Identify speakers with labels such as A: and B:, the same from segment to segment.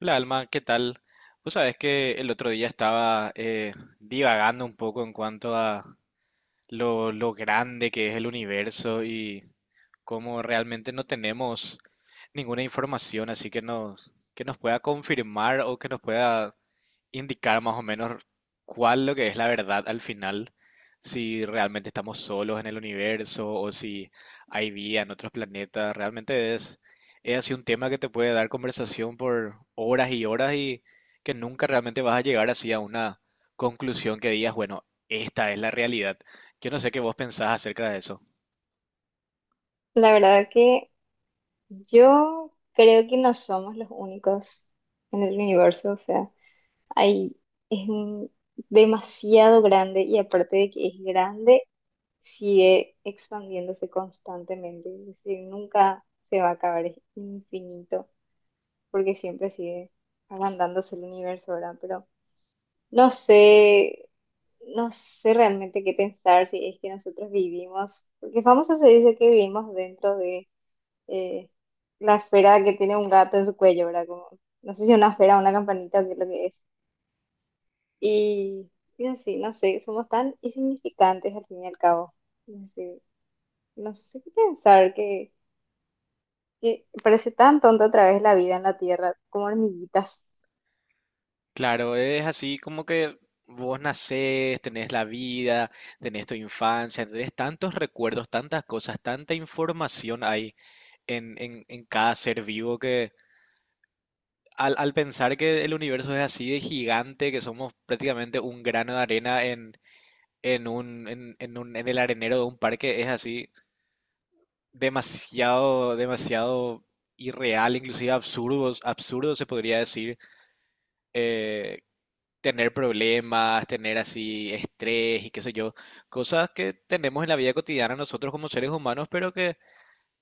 A: Hola Alma, ¿qué tal? Vos sabés que el otro día estaba divagando un poco en cuanto a lo grande que es el universo y cómo realmente no tenemos ninguna información así que que nos pueda confirmar o que nos pueda indicar más o menos cuál lo que es la verdad al final, si realmente estamos solos en el universo o si hay vida en otros planetas. Realmente es así un tema que te puede dar conversación por horas y horas y que nunca realmente vas a llegar así a una conclusión que digas, bueno, esta es la realidad. Yo no sé qué vos pensás acerca de eso.
B: La verdad que yo creo que no somos los únicos en el universo, o sea, hay, es un- demasiado grande y aparte de que es grande, sigue expandiéndose constantemente, es decir, nunca se va a acabar, es infinito, porque siempre sigue agrandándose el universo, ¿verdad? Pero no sé, no sé realmente qué pensar si es que nosotros vivimos, porque famoso se dice que vivimos dentro de eh, la esfera que tiene un gato en su cuello, ¿verdad? Como, no sé si una esfera o una campanita o qué es lo que es. Y, y así, no sé, somos tan insignificantes al fin y al cabo. No sé, no sé qué pensar, que parece tan tonto otra vez la vida en la Tierra, como hormiguitas.
A: Claro, es así como que vos nacés, tenés la vida, tenés tu infancia, tenés tantos recuerdos, tantas cosas, tanta información ahí en cada ser vivo que al pensar que el universo es así de gigante, que somos prácticamente un grano de arena en el arenero de un parque, es así demasiado, demasiado irreal, inclusive absurdo, absurdo se podría decir eh, tener problemas, tener así estrés y qué sé yo, cosas que tenemos en la vida cotidiana nosotros como seres humanos, pero que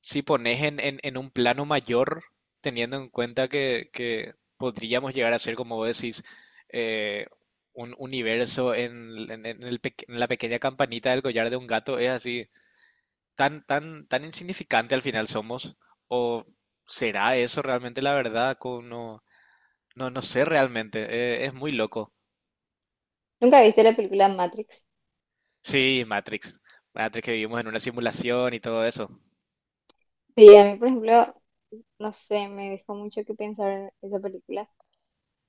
A: si pones en un plano mayor, teniendo en cuenta que podríamos llegar a ser, como vos decís, eh, un universo en la pequeña campanita del collar de un gato, es así, tan, tan, tan insignificante al final somos, o será eso realmente la verdad, no, no, no sé realmente, es muy loco.
B: ¿Nunca viste la película Matrix?
A: Sí, Matrix. Matrix que vivimos en una simulación y todo eso.
B: Sí, a mí, por ejemplo, no sé, me dejó mucho que pensar esa película.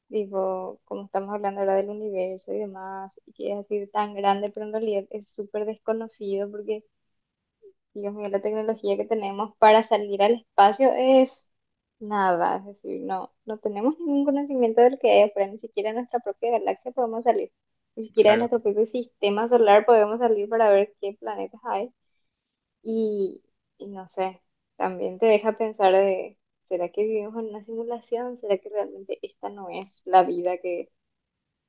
B: Digo, como estamos hablando ahora del universo y demás, y que es así tan grande, pero en realidad es súper desconocido porque Dios mío, la tecnología que tenemos para salir al espacio es nada, es decir, no tenemos ningún conocimiento de lo que hay afuera, ni siquiera en nuestra propia galaxia podemos salir, ni siquiera en
A: Claro.
B: nuestro propio sistema solar podemos salir para ver qué planetas hay. Y, y no sé, también te deja pensar de, ¿será que vivimos en una simulación? ¿Será que realmente esta no es la vida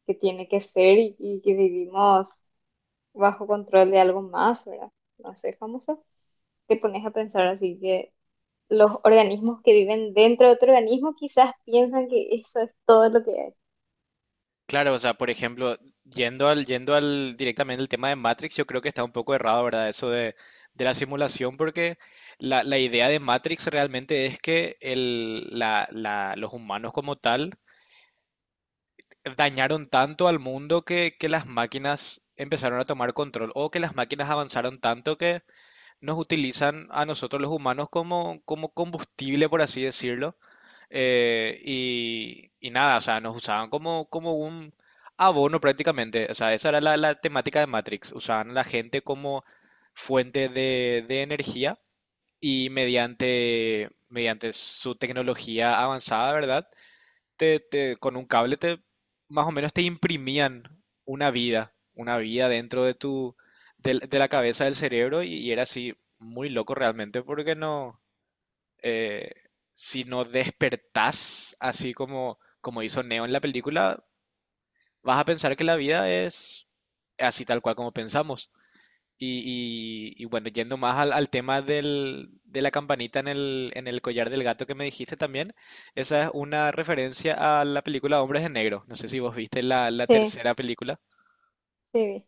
B: que tiene que ser y que vivimos bajo control de algo más, ¿verdad? No sé, famoso te pones a pensar así que los organismos que viven dentro de otro organismo quizás piensan que eso es todo lo que hay.
A: Claro, o sea, por ejemplo, yendo al directamente el tema de Matrix, yo creo que está un poco errado, ¿verdad? Eso de la simulación, porque la idea de Matrix realmente es que los humanos como tal dañaron tanto al mundo que las máquinas empezaron a tomar control, o que las máquinas avanzaron tanto que nos utilizan a nosotros los humanos como combustible, por así decirlo. Y nada, o sea, nos usaban como un abono prácticamente. O sea, esa era la temática de Matrix. Usaban a la gente como fuente de energía y mediante su tecnología avanzada, ¿verdad? Con un cable te, más o menos te imprimían una vida dentro de la cabeza del cerebro y era así muy loco realmente porque no eh, si no despertás así como hizo Neo en la película, vas a pensar que la vida es así tal cual como pensamos. Y bueno, yendo más al tema de la campanita en el collar del gato que me dijiste también, esa es una referencia a la película Hombres de Negro. No sé si vos viste la
B: Sí,
A: tercera película.
B: sí.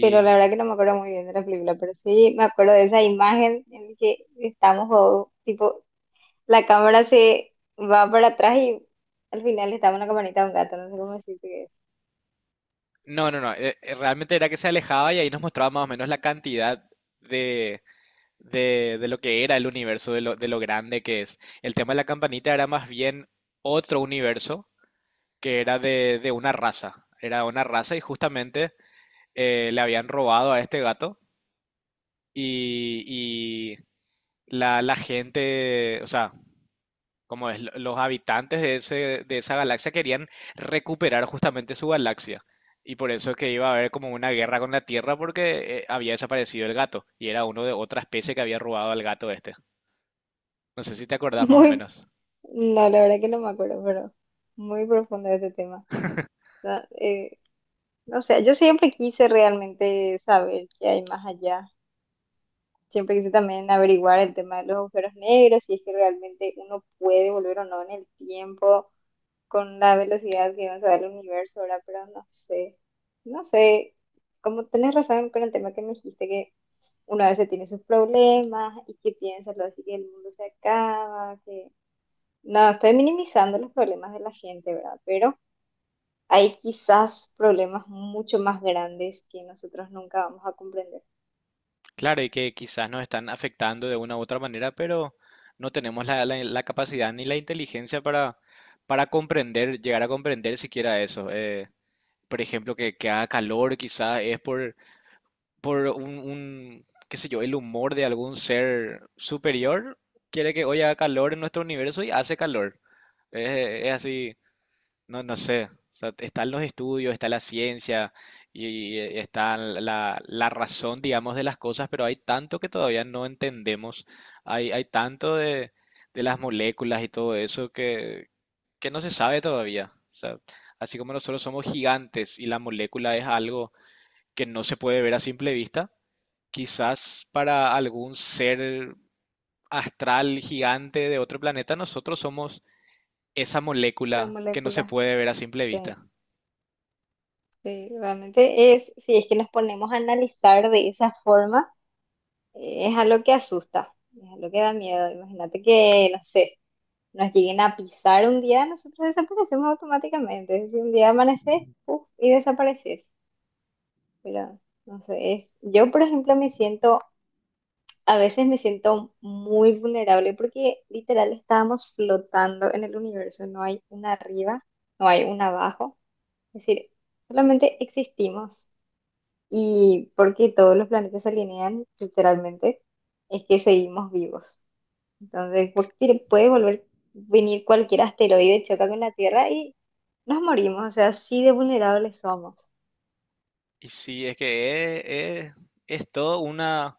B: Pero la verdad que no me acuerdo muy bien de la película, pero sí me acuerdo de esa imagen en que estamos, o, tipo, la cámara se va para atrás y al final estaba una campanita de un gato, no sé cómo decirte que es.
A: no, no, no, realmente era que se alejaba y ahí nos mostraba más o menos la cantidad de, de lo que era el universo, de lo grande que es. El tema de la campanita era más bien otro universo que era de una raza. Era una raza y justamente le habían robado a este gato y la gente, o sea, como es, los habitantes de esa galaxia querían recuperar justamente su galaxia. Y por eso es que iba a haber como una guerra con la Tierra porque había desaparecido el gato y era uno de otra especie que había robado al gato este. No sé si te acordás más o
B: Muy,
A: menos.
B: no, la verdad que no me acuerdo, pero muy profundo ese tema. No, no sé, yo siempre quise realmente saber qué hay más allá, siempre quise también averiguar el tema de los agujeros negros, si es que realmente uno puede volver o no en el tiempo con la velocidad que avanza el universo ahora, pero no sé, no sé, como tenés razón con el tema que me dijiste que uno a veces tiene sus problemas y que piensa lo así que el mundo se acaba, que no, estoy minimizando los problemas de la gente, ¿verdad? Pero hay quizás problemas mucho más grandes que nosotros nunca vamos a comprender.
A: Claro, y que quizás nos están afectando de una u otra manera, pero no tenemos la capacidad ni la inteligencia para comprender, llegar a comprender siquiera eso. Por ejemplo, que haga calor, quizás es por un, qué sé yo, el humor de algún ser superior. Quiere que hoy haga calor en nuestro universo y hace calor. Es así. No, no sé. O sea, están los estudios, está la ciencia y está la razón, digamos, de las cosas, pero hay tanto que todavía no entendemos. Hay tanto de las moléculas y todo eso que no se sabe todavía. O sea, así como nosotros somos gigantes y la molécula es algo que no se puede ver a simple vista, quizás para algún ser astral gigante de otro planeta, nosotros somos esa
B: La
A: molécula que no se
B: molécula.
A: puede ver a simple
B: Sí.
A: vista.
B: Sí, realmente es, si es que nos ponemos a analizar de esa forma, es algo que asusta, es algo que da miedo. Imagínate que, no sé, nos lleguen a pisar un día, nosotros desaparecemos automáticamente. Si un día amaneces, puf, y desapareces. Pero, no sé, es- yo, por ejemplo, me siento, a veces me siento muy vulnerable porque literal estábamos flotando en el universo, no hay una arriba, no hay un abajo. Es decir, solamente existimos. Y porque todos los planetas se alinean, literalmente, es que seguimos vivos. Entonces, puede volver, venir cualquier asteroide, choca con la Tierra y nos morimos. O sea, así de vulnerables somos.
A: Y sí, es que es, es- es todo una,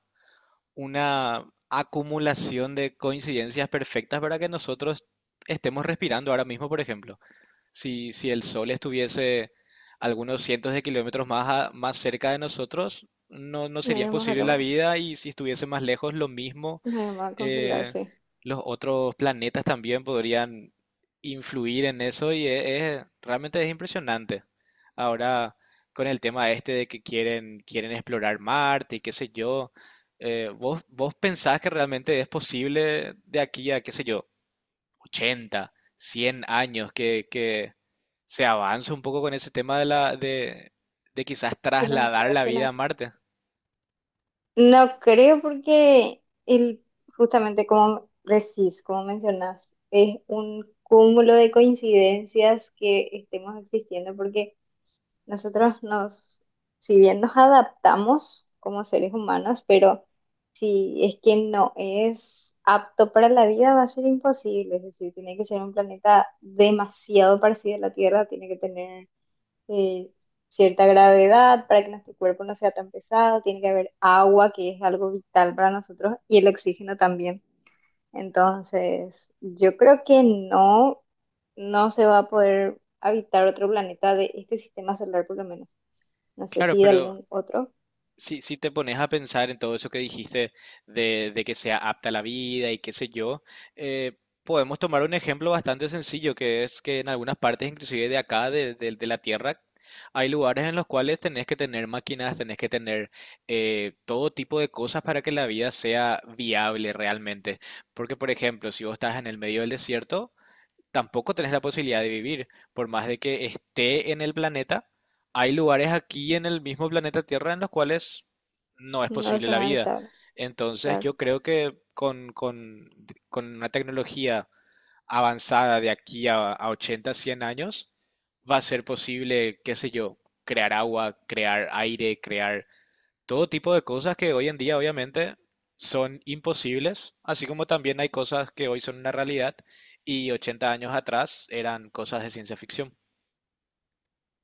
A: una acumulación de coincidencias perfectas para que nosotros estemos respirando ahora mismo, por ejemplo. Si el sol estuviese algunos cientos de kilómetros más, más cerca de nosotros, no, no
B: Nos
A: sería
B: íbamos a
A: posible la
B: quemar,
A: vida y si estuviese más lejos, lo mismo.
B: nos íbamos a congelar,
A: eh,
B: sí.
A: los otros planetas también podrían influir en eso y es, realmente es impresionante. Ahora, con el tema este de que quieren explorar Marte y qué sé yo, ¿vos pensás que realmente es posible de aquí a, qué sé yo, 80 100 años que se avance un poco con ese tema de quizás
B: ¿Y las
A: trasladar la vida a
B: exploraciones?
A: Marte?
B: No creo porque el, justamente como decís, como mencionás, es un cúmulo de coincidencias que estemos existiendo porque nosotros nos, si bien nos adaptamos como seres humanos, pero si es que no es apto para la vida, va a ser imposible. Es decir, tiene que ser un planeta demasiado parecido a la Tierra, tiene que tener eh, cierta gravedad para que nuestro cuerpo no sea tan pesado, tiene que haber agua, que es algo vital para nosotros, y el oxígeno también. Entonces, yo creo que no, no se va a poder habitar otro planeta de este sistema solar, por lo menos. No sé
A: Claro,
B: si
A: pero
B: algún otro.
A: si te pones a pensar en todo eso que dijiste de que sea apta a la vida y qué sé yo, eh, podemos tomar un ejemplo bastante sencillo, que es que en algunas partes, inclusive de acá, de la Tierra, hay lugares en los cuales tenés que tener máquinas, tenés que tener todo tipo de cosas para que la vida sea viable realmente. Porque, por ejemplo, si vos estás en el medio del desierto, tampoco tenés la posibilidad de vivir. Por más de que esté en el planeta, hay lugares aquí en el mismo planeta Tierra en los cuales no es
B: No es
A: posible la
B: una
A: vida.
B: habitable,
A: Entonces
B: claro.
A: yo creo que con una tecnología avanzada de aquí a, 80, 100 años, va a ser posible, qué sé yo, crear agua, crear aire, crear todo tipo de cosas que hoy en día obviamente son imposibles, así como también hay cosas que hoy son una realidad y 80 años atrás eran cosas de ciencia ficción.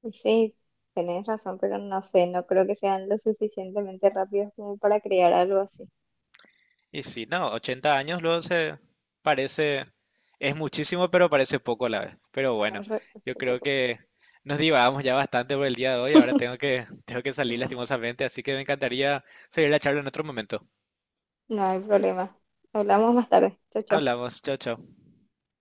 B: Y sí, tenés razón, pero no sé, no creo que sean lo suficientemente rápidos como para crear algo así.
A: Y sí, no, 80 años luego se parece, es muchísimo, pero parece poco a la vez. Pero
B: A ver,
A: bueno,
B: re-
A: yo
B: súper
A: creo
B: poco.
A: que nos divagamos ya bastante por el día de hoy, ahora tengo que salir lastimosamente, así que me encantaría seguir la charla en otro momento.
B: No hay problema. Hablamos más tarde. Chao, chao.
A: Hablamos, chao, chao.